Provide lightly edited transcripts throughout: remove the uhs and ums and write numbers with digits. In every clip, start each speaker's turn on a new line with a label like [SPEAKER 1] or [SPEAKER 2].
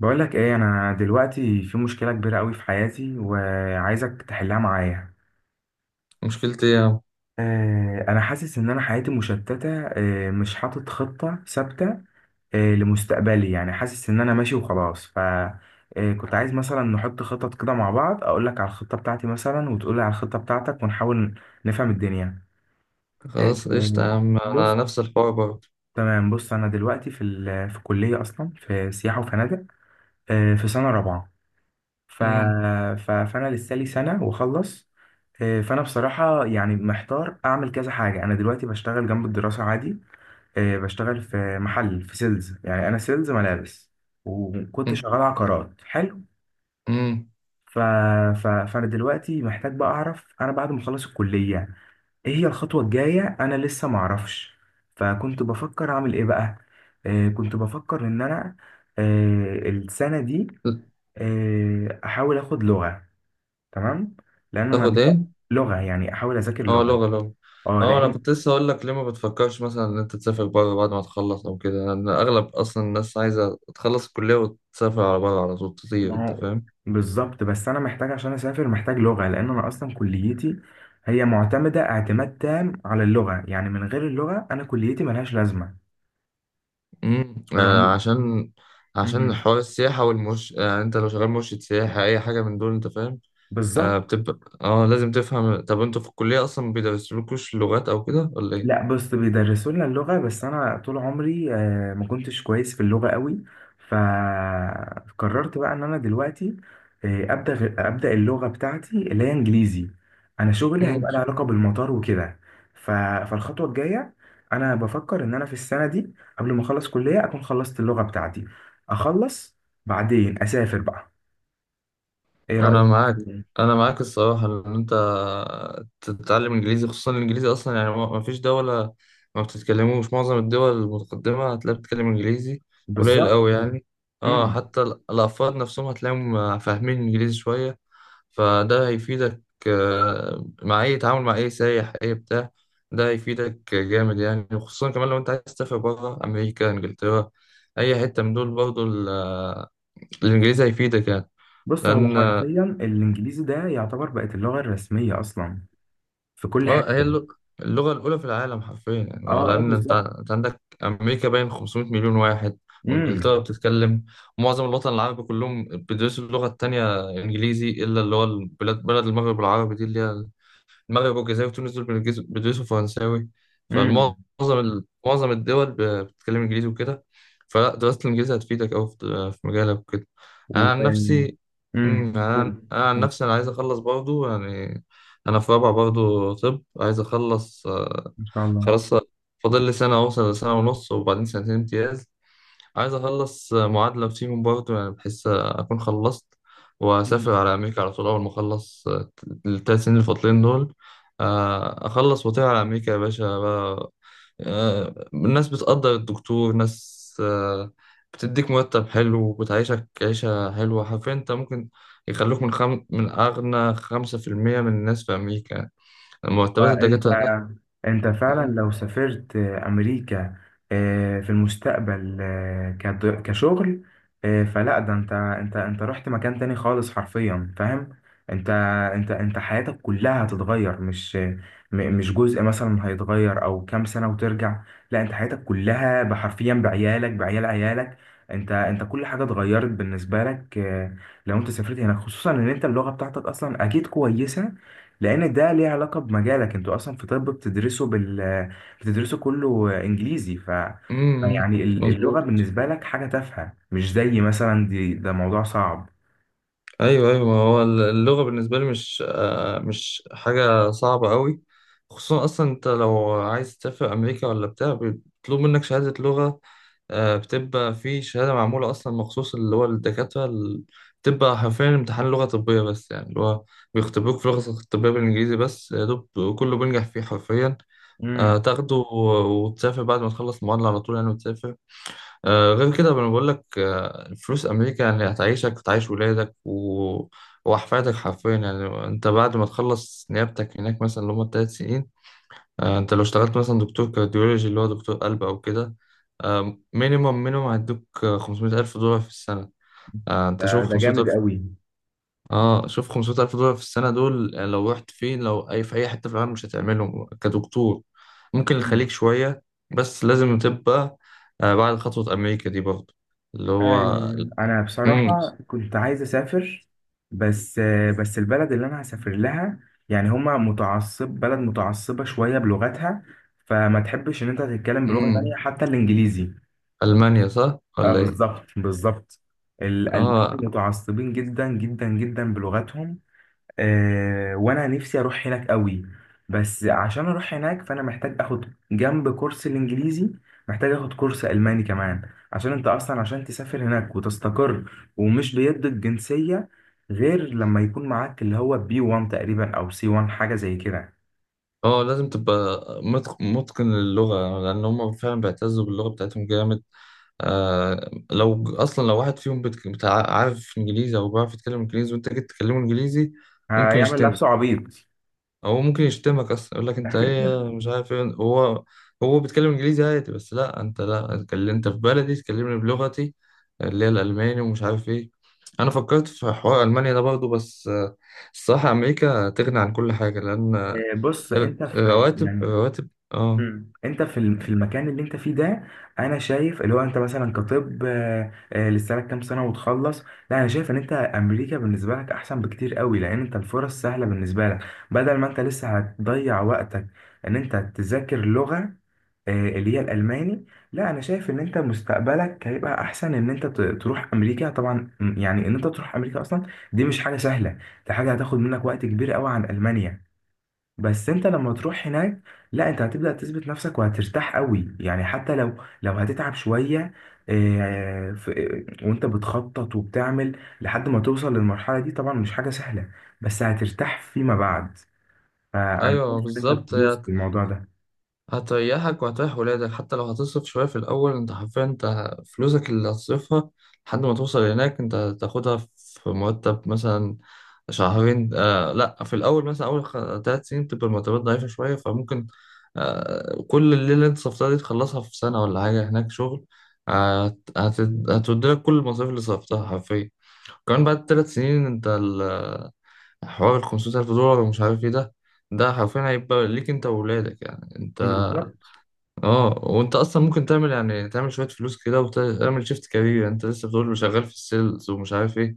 [SPEAKER 1] بقول لك ايه انا دلوقتي في مشكله كبيره قوي في حياتي وعايزك تحلها معايا.
[SPEAKER 2] مشكلتي إيه يا عم؟
[SPEAKER 1] انا حاسس ان انا حياتي مشتته، مش حاطط خطه ثابته لمستقبلي، يعني حاسس ان انا ماشي وخلاص ف آه، كنت عايز مثلا نحط خطط كده مع بعض، اقول لك على الخطه بتاعتي مثلا وتقول لي على الخطه بتاعتك ونحاول نفهم الدنيا. آه،
[SPEAKER 2] خلاص قشطة يا عم، أنا
[SPEAKER 1] بص.
[SPEAKER 2] نفس الحوار برضه.
[SPEAKER 1] تمام، بص، انا دلوقتي في في كليه اصلا في سياحه وفنادق، في سنه رابعه. ف...
[SPEAKER 2] أمم.
[SPEAKER 1] فانا لسه لي سنه واخلص. فانا بصراحه يعني محتار اعمل كذا حاجه، انا دلوقتي بشتغل جنب الدراسه عادي، بشتغل في محل في سيلز، يعني انا سيلز ملابس، وكنت
[SPEAKER 2] أمم.
[SPEAKER 1] شغال عقارات حلو.
[SPEAKER 2] أمم.
[SPEAKER 1] ف... فانا دلوقتي محتاج بقى اعرف انا بعد ما اخلص الكليه ايه هي الخطوه الجايه، انا لسه ما اعرفش. فكنت بفكر اعمل ايه بقى، كنت بفكر ان انا السنه دي احاول اخد لغه. تمام، لان انا
[SPEAKER 2] تاخد
[SPEAKER 1] لغه
[SPEAKER 2] إيه؟
[SPEAKER 1] لغة، يعني احاول اذاكر
[SPEAKER 2] أه،
[SPEAKER 1] لغه.
[SPEAKER 2] لغة لغة.
[SPEAKER 1] اه،
[SPEAKER 2] أه، أنا
[SPEAKER 1] لان
[SPEAKER 2] كنت لسه هقول لك ليه ما بتفكرش مثلا إن أنت تسافر بره بعد ما تخلص أو كده، لأن أغلب أصلا الناس عايزة تخلص الكلية وتسافر على بره على طول تطير.
[SPEAKER 1] ما
[SPEAKER 2] أنت
[SPEAKER 1] هو
[SPEAKER 2] فاهم؟
[SPEAKER 1] بالظبط، بس انا محتاج عشان اسافر، محتاج لغه، لان انا اصلا كليتي هي معتمده اعتماد تام على اللغه، يعني من غير اللغه انا كليتي ملهاش لازمه،
[SPEAKER 2] أمم، آه،
[SPEAKER 1] رغم.
[SPEAKER 2] عشان
[SPEAKER 1] مم.
[SPEAKER 2] حوار السياحة والمرش، يعني أنت لو شغال مرشد سياحة أي حاجة من دول. أنت فاهم؟ آه
[SPEAKER 1] بالظبط.
[SPEAKER 2] بتبقى اه لازم تفهم، طب انتوا في الكلية اصلا ما بيدرسولكوش لغات او كده ولا
[SPEAKER 1] لا، بص بيدرسوا لنا اللغة، بس أنا طول عمري ما كنتش كويس في اللغة قوي، فقررت بقى إن أنا دلوقتي أبدأ اللغة بتاعتي اللي هي إنجليزي. أنا شغلي
[SPEAKER 2] ايه؟
[SPEAKER 1] هيبقى له علاقة بالمطار وكده. ف- فالخطوة الجاية، أنا بفكر إن أنا في السنة دي قبل ما أخلص كلية أكون خلصت اللغة بتاعتي، أخلص، بعدين أسافر بقى. إيه
[SPEAKER 2] انا
[SPEAKER 1] رأيك؟
[SPEAKER 2] معاك انا معاك الصراحه ان انت تتعلم انجليزي، خصوصا الانجليزي اصلا، يعني ما فيش دوله ما بتتكلموش، معظم الدول المتقدمه هتلاقي بتتكلم انجليزي، قليل
[SPEAKER 1] بالظبط.
[SPEAKER 2] قوي يعني. اه،
[SPEAKER 1] مم.
[SPEAKER 2] حتى الافراد نفسهم هتلاقيهم فاهمين انجليزي شويه، فده هيفيدك مع اي تعامل، مع اي سايح اي بتاع. ده هيفيدك جامد يعني، خصوصا كمان لو انت عايز تسافر بره، امريكا، انجلترا، اي حته من دول، برضه الانجليزي هيفيدك يعني.
[SPEAKER 1] بص، هو
[SPEAKER 2] لان
[SPEAKER 1] حرفيا الإنجليزي ده يعتبر بقت اللغة الرسمية أصلا، في كل
[SPEAKER 2] اه هي
[SPEAKER 1] حته.
[SPEAKER 2] اللغة، اللغة الأولى في العالم حرفيا يعني. هو
[SPEAKER 1] اه، اه،
[SPEAKER 2] لأن أنت
[SPEAKER 1] بالظبط.
[SPEAKER 2] أنت عندك أمريكا باين 500 مليون واحد،
[SPEAKER 1] امم،
[SPEAKER 2] وإنجلترا بتتكلم، ومعظم الوطن العربي كلهم بيدرسوا اللغة التانية إنجليزي، إلا اللي هو البلاد، بلد المغرب العربي دي، اللي هي المغرب والجزائر وتونس، دول بيدرسوا فرنساوي.
[SPEAKER 1] امم.
[SPEAKER 2] فالمعظم معظم الدول بتتكلم انجليزي وكده، فلا دراسة الانجليزي هتفيدك أوي في مجالك وكده،
[SPEAKER 1] و
[SPEAKER 2] أنا عن نفسي أمم،
[SPEAKER 1] امم
[SPEAKER 2] أنا عن أنا عن نفسي، أنا عايز أخلص برضو يعني، أنا في رابعة برضو، طب عايز أخلص.
[SPEAKER 1] ان شاء الله.
[SPEAKER 2] خلاص، فاضل لي سنة، أوصل لسنة ونص وبعدين سنتين امتياز، عايز اخلص معادله فيهم برضه، يعني بحس اكون خلصت واسافر على امريكا على طول اول ما اخلص 3 سنين الفاضلين دول. اخلص واطير على امريكا يا باشا بقى. الناس بتقدر الدكتور، ناس بتديك مرتب حلو وبتعيشك عيشة حلوة حرفيا، انت ممكن يخلوك من أغنى 5% من الناس في أمريكا، مرتبات
[SPEAKER 1] فانت
[SPEAKER 2] الدكاترة هناك.
[SPEAKER 1] انت فعلا
[SPEAKER 2] مم.
[SPEAKER 1] لو سافرت امريكا في المستقبل كشغل. فلا، ده انت رحت مكان تاني خالص، حرفيا، فاهم. انت انت حياتك كلها هتتغير، مش جزء مثلا هيتغير، او كام سنة وترجع. لا، انت حياتك كلها، بحرفيا، بعيالك، بعيال عيالك، انت كل حاجة اتغيرت بالنسبة لك، لو انت سافرت هناك، خصوصا ان انت اللغة بتاعتك اصلا اكيد كويسة، لان ده ليه علاقه بمجالك. انتوا اصلا في طب بتدرسوا بتدرسوا كله انجليزي.
[SPEAKER 2] مم. مم.
[SPEAKER 1] يعني اللغه
[SPEAKER 2] مظبوط.
[SPEAKER 1] بالنسبه لك حاجه تافهه، مش زي مثلا دي، ده موضوع صعب.
[SPEAKER 2] ايوه، ايوه، ما هو اللغه بالنسبه لي مش حاجه صعبه قوي، خصوصا اصلا انت لو عايز تسافر امريكا ولا بتاع، بيطلب منك شهاده لغه. بتبقى في شهاده معموله اصلا مخصوص، اللي هو الدكاتره بتبقى حرفيا امتحان لغه طبيه بس، يعني اللي هو بيختبروك في اللغه الطبيه بالانجليزي بس، يا دوب كله بينجح فيه حرفيا.
[SPEAKER 1] امم.
[SPEAKER 2] تاخده وتسافر بعد ما تخلص المعادله على طول يعني وتسافر. غير كده انا بقول لك، الفلوس امريكا يعني هتعيشك وتعيش ولادك واحفادك حرفيا يعني. انت بعد ما تخلص نيابتك هناك مثلا، اللي هم 3 سنين، انت لو اشتغلت مثلا دكتور كارديولوجي، اللي هو دكتور قلب او كده، مينيمم مينيمم هيدوك 500,000 دولار في السنه. انت
[SPEAKER 1] ده
[SPEAKER 2] شوف
[SPEAKER 1] ده جامد
[SPEAKER 2] 500,000،
[SPEAKER 1] قوي.
[SPEAKER 2] اه شوف 500,000 دولار في السنة دول، يعني لو رحت فين، لو أي في أي حتة في العالم مش هتعملهم كدكتور، ممكن الخليج
[SPEAKER 1] امم.
[SPEAKER 2] شوية، بس لازم تبقى بعد خطوة أمريكا دي برضه، اللي هو.
[SPEAKER 1] انا
[SPEAKER 2] مم.
[SPEAKER 1] بصراحه كنت عايز اسافر، بس البلد اللي انا هسافر لها، يعني هما متعصب، بلد متعصبه شويه بلغتها، فما تحبش ان انت تتكلم بلغه
[SPEAKER 2] مم.
[SPEAKER 1] تانية حتى الانجليزي.
[SPEAKER 2] ألمانيا صح
[SPEAKER 1] اه،
[SPEAKER 2] ولا إيه؟
[SPEAKER 1] بالظبط، بالظبط. الألمان
[SPEAKER 2] اه،
[SPEAKER 1] متعصبين جدا جدا جدا بلغتهم. وانا نفسي اروح هناك قوي، بس عشان اروح هناك فانا محتاج اخد جنب كورس الانجليزي، محتاج اخد كورس الماني كمان، عشان انت اصلا عشان تسافر هناك وتستقر، ومش بيدوا الجنسية غير لما يكون معاك اللي هو بي 1 تقريبا او سي 1، حاجة زي كده.
[SPEAKER 2] اه، لازم تبقى متقن للغة، لأن هم فعلا بيعتزوا باللغة بتاعتهم جامد. آه، لو أصلا لو واحد فيهم عارف إنجليزي أو بيعرف يتكلم إنجليزي، وأنت جيت تكلمه إنجليزي، ممكن
[SPEAKER 1] هيعمل
[SPEAKER 2] يشتم
[SPEAKER 1] نفسه عبيط.
[SPEAKER 2] هو ممكن يشتمك اصلا، يقول لك انت ايه مش عارف ايه. هو بيتكلم انجليزي عادي، بس لا، انت لا، اتكلم انت في بلدي تكلمني بلغتي اللي هي الالماني ومش عارف ايه. انا فكرت في حوار المانيا ده برضه، بس الصراحه امريكا تغني عن كل حاجه، لان
[SPEAKER 1] بص، انت في،
[SPEAKER 2] الرواتب،
[SPEAKER 1] يعني،
[SPEAKER 2] الرواتب. اه،
[SPEAKER 1] مم. انت في في المكان اللي انت فيه ده، انا شايف اللي هو انت مثلا كطب، لسه لك كام سنه وتخلص. لا، انا شايف ان انت امريكا بالنسبه لك احسن بكتير قوي، لان انت الفرص سهله بالنسبه لك، بدل ما انت لسه هتضيع وقتك ان انت تذاكر لغه اللي هي الالماني. لا، انا شايف ان انت مستقبلك هيبقى احسن ان انت تروح امريكا. طبعا يعني ان انت تروح امريكا اصلا، دي مش حاجه سهله، دي حاجه هتاخد منك وقت كبير قوي عن المانيا. بس انت لما تروح هناك، لا انت هتبدأ تثبت نفسك وهترتاح قوي، يعني حتى لو هتتعب شوية، اه، وانت بتخطط وبتعمل لحد ما توصل للمرحلة دي، طبعا مش حاجة سهلة، بس هترتاح فيما بعد. فانا شايف
[SPEAKER 2] ايوه،
[SPEAKER 1] ان انت
[SPEAKER 2] بالظبط.
[SPEAKER 1] تدوس
[SPEAKER 2] هي
[SPEAKER 1] في الموضوع ده.
[SPEAKER 2] هتريحك وهتريح ولادك، حتى لو هتصرف شوية في الأول. أنت حرفيا، أنت فلوسك اللي هتصرفها لحد ما توصل هناك، أنت هتاخدها في مرتب مثلا شهرين. لأ، في الأول مثلا أول 3 سنين بتبقى المرتبات ضعيفة شوية، فممكن كل الليلة اللي أنت صرفتها دي تخلصها في سنة ولا حاجة هناك شغل. هتودلك كل المصاريف اللي صرفتها حرفيا. كمان بعد 3 سنين أنت حوار 500,000 دولار ومش عارف إيه، ده ده حرفيا هيبقى ليك أنت وولادك يعني أنت.
[SPEAKER 1] بالظبط.
[SPEAKER 2] اه، وانت اصلا ممكن تعمل، يعني تعمل شويه فلوس كده وتعمل شيفت كارير، انت لسه بتقول له شغال في السيلز ومش عارف ايه،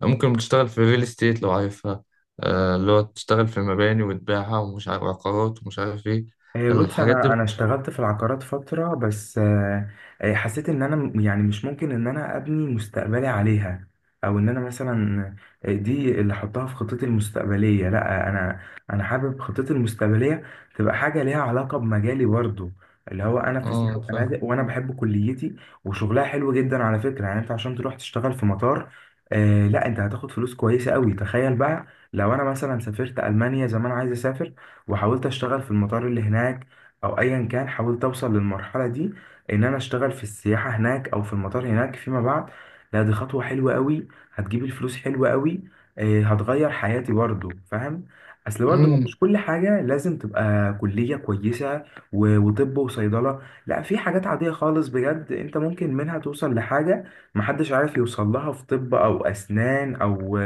[SPEAKER 2] ممكن تشتغل في الريل استيت لو عارفها. اللي هو تشتغل في مباني وتبيعها ومش عارف عقارات ومش عارف ايه،
[SPEAKER 1] إيه، بص،
[SPEAKER 2] الحاجات دي
[SPEAKER 1] انا
[SPEAKER 2] بت...
[SPEAKER 1] انا اشتغلت في العقارات فتره، بس حسيت ان انا يعني مش ممكن ان انا ابني مستقبلي عليها، او ان انا مثلا دي اللي احطها في خطتي المستقبليه. لا، انا حابب خطتي المستقبليه تبقى حاجه ليها علاقه بمجالي برضو، اللي هو انا في سياحه
[SPEAKER 2] اه،
[SPEAKER 1] وفنادق، وانا بحب كليتي وشغلها حلو جدا على فكره، يعني انت عشان تروح تشتغل في مطار. لا، انت هتاخد فلوس كويسه قوي، تخيل بقى لو انا مثلا سافرت المانيا زي ما انا عايز اسافر، وحاولت اشتغل في المطار اللي هناك، او ايا كان حاولت اوصل للمرحله دي، ان انا اشتغل في السياحه هناك او في المطار هناك فيما بعد. لا، دي خطوه حلوه قوي، هتجيب الفلوس حلوه قوي، هتغير حياتي برضه، فاهم. اصل برضه هو
[SPEAKER 2] فاهم.
[SPEAKER 1] مش كل حاجه لازم تبقى كليه كويسه، وطب، وصيدله. لا، في حاجات عاديه خالص بجد، انت ممكن منها توصل لحاجه محدش عارف يوصل لها في طب او اسنان او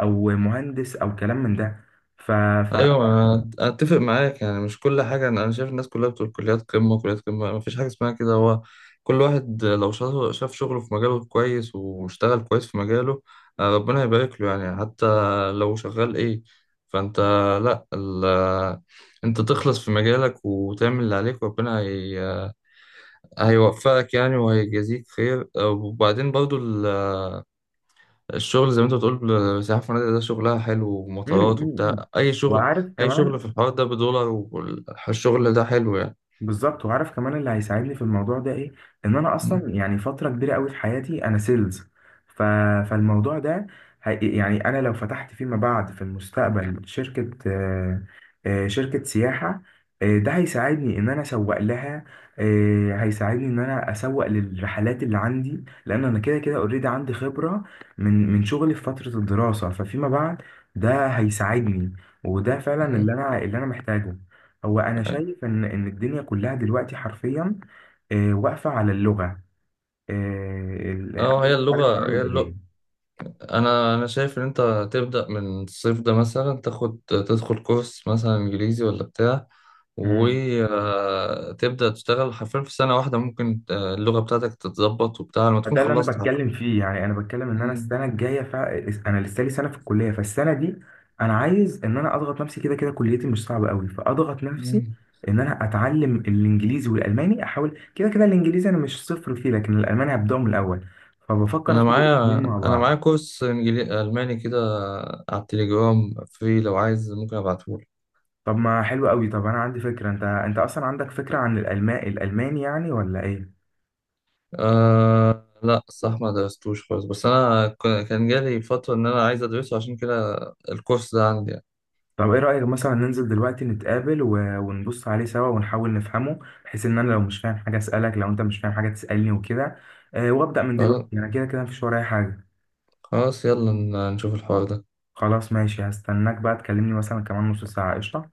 [SPEAKER 1] او مهندس او كلام من ده ف...
[SPEAKER 2] ايوه، انا اتفق معاك، يعني مش كل حاجه، أنا شايف الناس كلها بتقول كليات قمه كليات قمه، ما فيش حاجه اسمها كده. هو كل واحد لو شاف شغله في مجاله كويس واشتغل كويس في مجاله، ربنا يبارك له يعني، حتى لو شغال ايه. فانت لا ال... انت تخلص في مجالك وتعمل اللي عليك، وربنا هيوفقك يعني، وهيجازيك خير. وبعدين برضو، الشغل زي ما انت بتقول، سياحة، في فنادق ده شغلها حلو،
[SPEAKER 1] مم،
[SPEAKER 2] ومطارات
[SPEAKER 1] مم، مم.
[SPEAKER 2] وبتاع، أي شغل،
[SPEAKER 1] وعارف
[SPEAKER 2] أي
[SPEAKER 1] كمان،
[SPEAKER 2] شغل في الحوار ده بدولار والشغل ده حلو يعني.
[SPEAKER 1] بالظبط، وعارف كمان اللي هيساعدني في الموضوع ده ايه، ان انا اصلا
[SPEAKER 2] مم.
[SPEAKER 1] يعني فتره كبيره قوي في حياتي انا سيلز ف... فالموضوع ده، يعني انا لو فتحت فيما بعد في المستقبل شركه، شركه سياحه، ده هيساعدني ان انا اسوق لها، هيساعدني ان انا اسوق للرحلات اللي عندي، لان انا كده كده اوريدي عندي خبره من شغلي في فتره الدراسه، ففيما بعد ده هيساعدني، وده فعلا اللي
[SPEAKER 2] مم.
[SPEAKER 1] انا اللي انا محتاجه. هو انا شايف ان الدنيا كلها دلوقتي حرفيا واقفه على اللغه، انا
[SPEAKER 2] اه، هي
[SPEAKER 1] مش عارف
[SPEAKER 2] اللغة، هي
[SPEAKER 1] اعمل ايه.
[SPEAKER 2] اللغة. أنا شايف إن أنت تبدأ من الصيف ده مثلا، تاخد تدخل كورس مثلا إنجليزي ولا بتاع،
[SPEAKER 1] مم.
[SPEAKER 2] وتبدأ تشتغل حرفيا، في سنة واحدة ممكن اللغة بتاعتك تتظبط وبتاع لما تكون
[SPEAKER 1] ده اللي انا
[SPEAKER 2] خلصت
[SPEAKER 1] بتكلم
[SPEAKER 2] حرفيا.
[SPEAKER 1] فيه، يعني انا بتكلم ان انا
[SPEAKER 2] مم.
[SPEAKER 1] السنه الجايه. انا لسه لي سنه في الكليه، فالسنه دي انا عايز ان انا اضغط نفسي، كده كده كليتي مش صعبه قوي، فاضغط نفسي
[SPEAKER 2] مم.
[SPEAKER 1] ان انا اتعلم الانجليزي والالماني، احاول كده كده الانجليزي انا مش صفر فيه، لكن الالماني هبداه من الاول، فبفكر
[SPEAKER 2] انا
[SPEAKER 1] اخد
[SPEAKER 2] معايا
[SPEAKER 1] الاثنين مع
[SPEAKER 2] انا
[SPEAKER 1] بعض.
[SPEAKER 2] معايا كورس انجليزي الماني كده على التليجرام فري، لو عايز ممكن ابعتهولك.
[SPEAKER 1] طب ما حلو قوي. طب انا عندي فكره، انت اصلا عندك فكره عن الالماني الالماني، يعني ولا ايه؟
[SPEAKER 2] أه لا، صح، ما درستوش خالص، بس انا كان جالي فترة ان انا عايز ادرسه، عشان كده الكورس ده عندي يعني.
[SPEAKER 1] طب ايه رايك مثلا ننزل دلوقتي نتقابل، ونبص عليه سوا ونحاول نفهمه، بحيث ان انا لو مش فاهم حاجه اسالك، لو انت مش فاهم حاجه تسالني وكده. أه، وابدا من دلوقتي،
[SPEAKER 2] خلاص.
[SPEAKER 1] انا كده كده مفيش ورايا حاجه.
[SPEAKER 2] خلاص، يلا نشوف الحوار ده.
[SPEAKER 1] خلاص، ماشي، هستناك بقى تكلمني مثلا كمان نص ساعه. قشطه.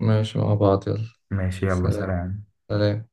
[SPEAKER 2] ماشي، مع بعض يلا.
[SPEAKER 1] ماشي، يلا،
[SPEAKER 2] سلام.
[SPEAKER 1] سلام.
[SPEAKER 2] سلام.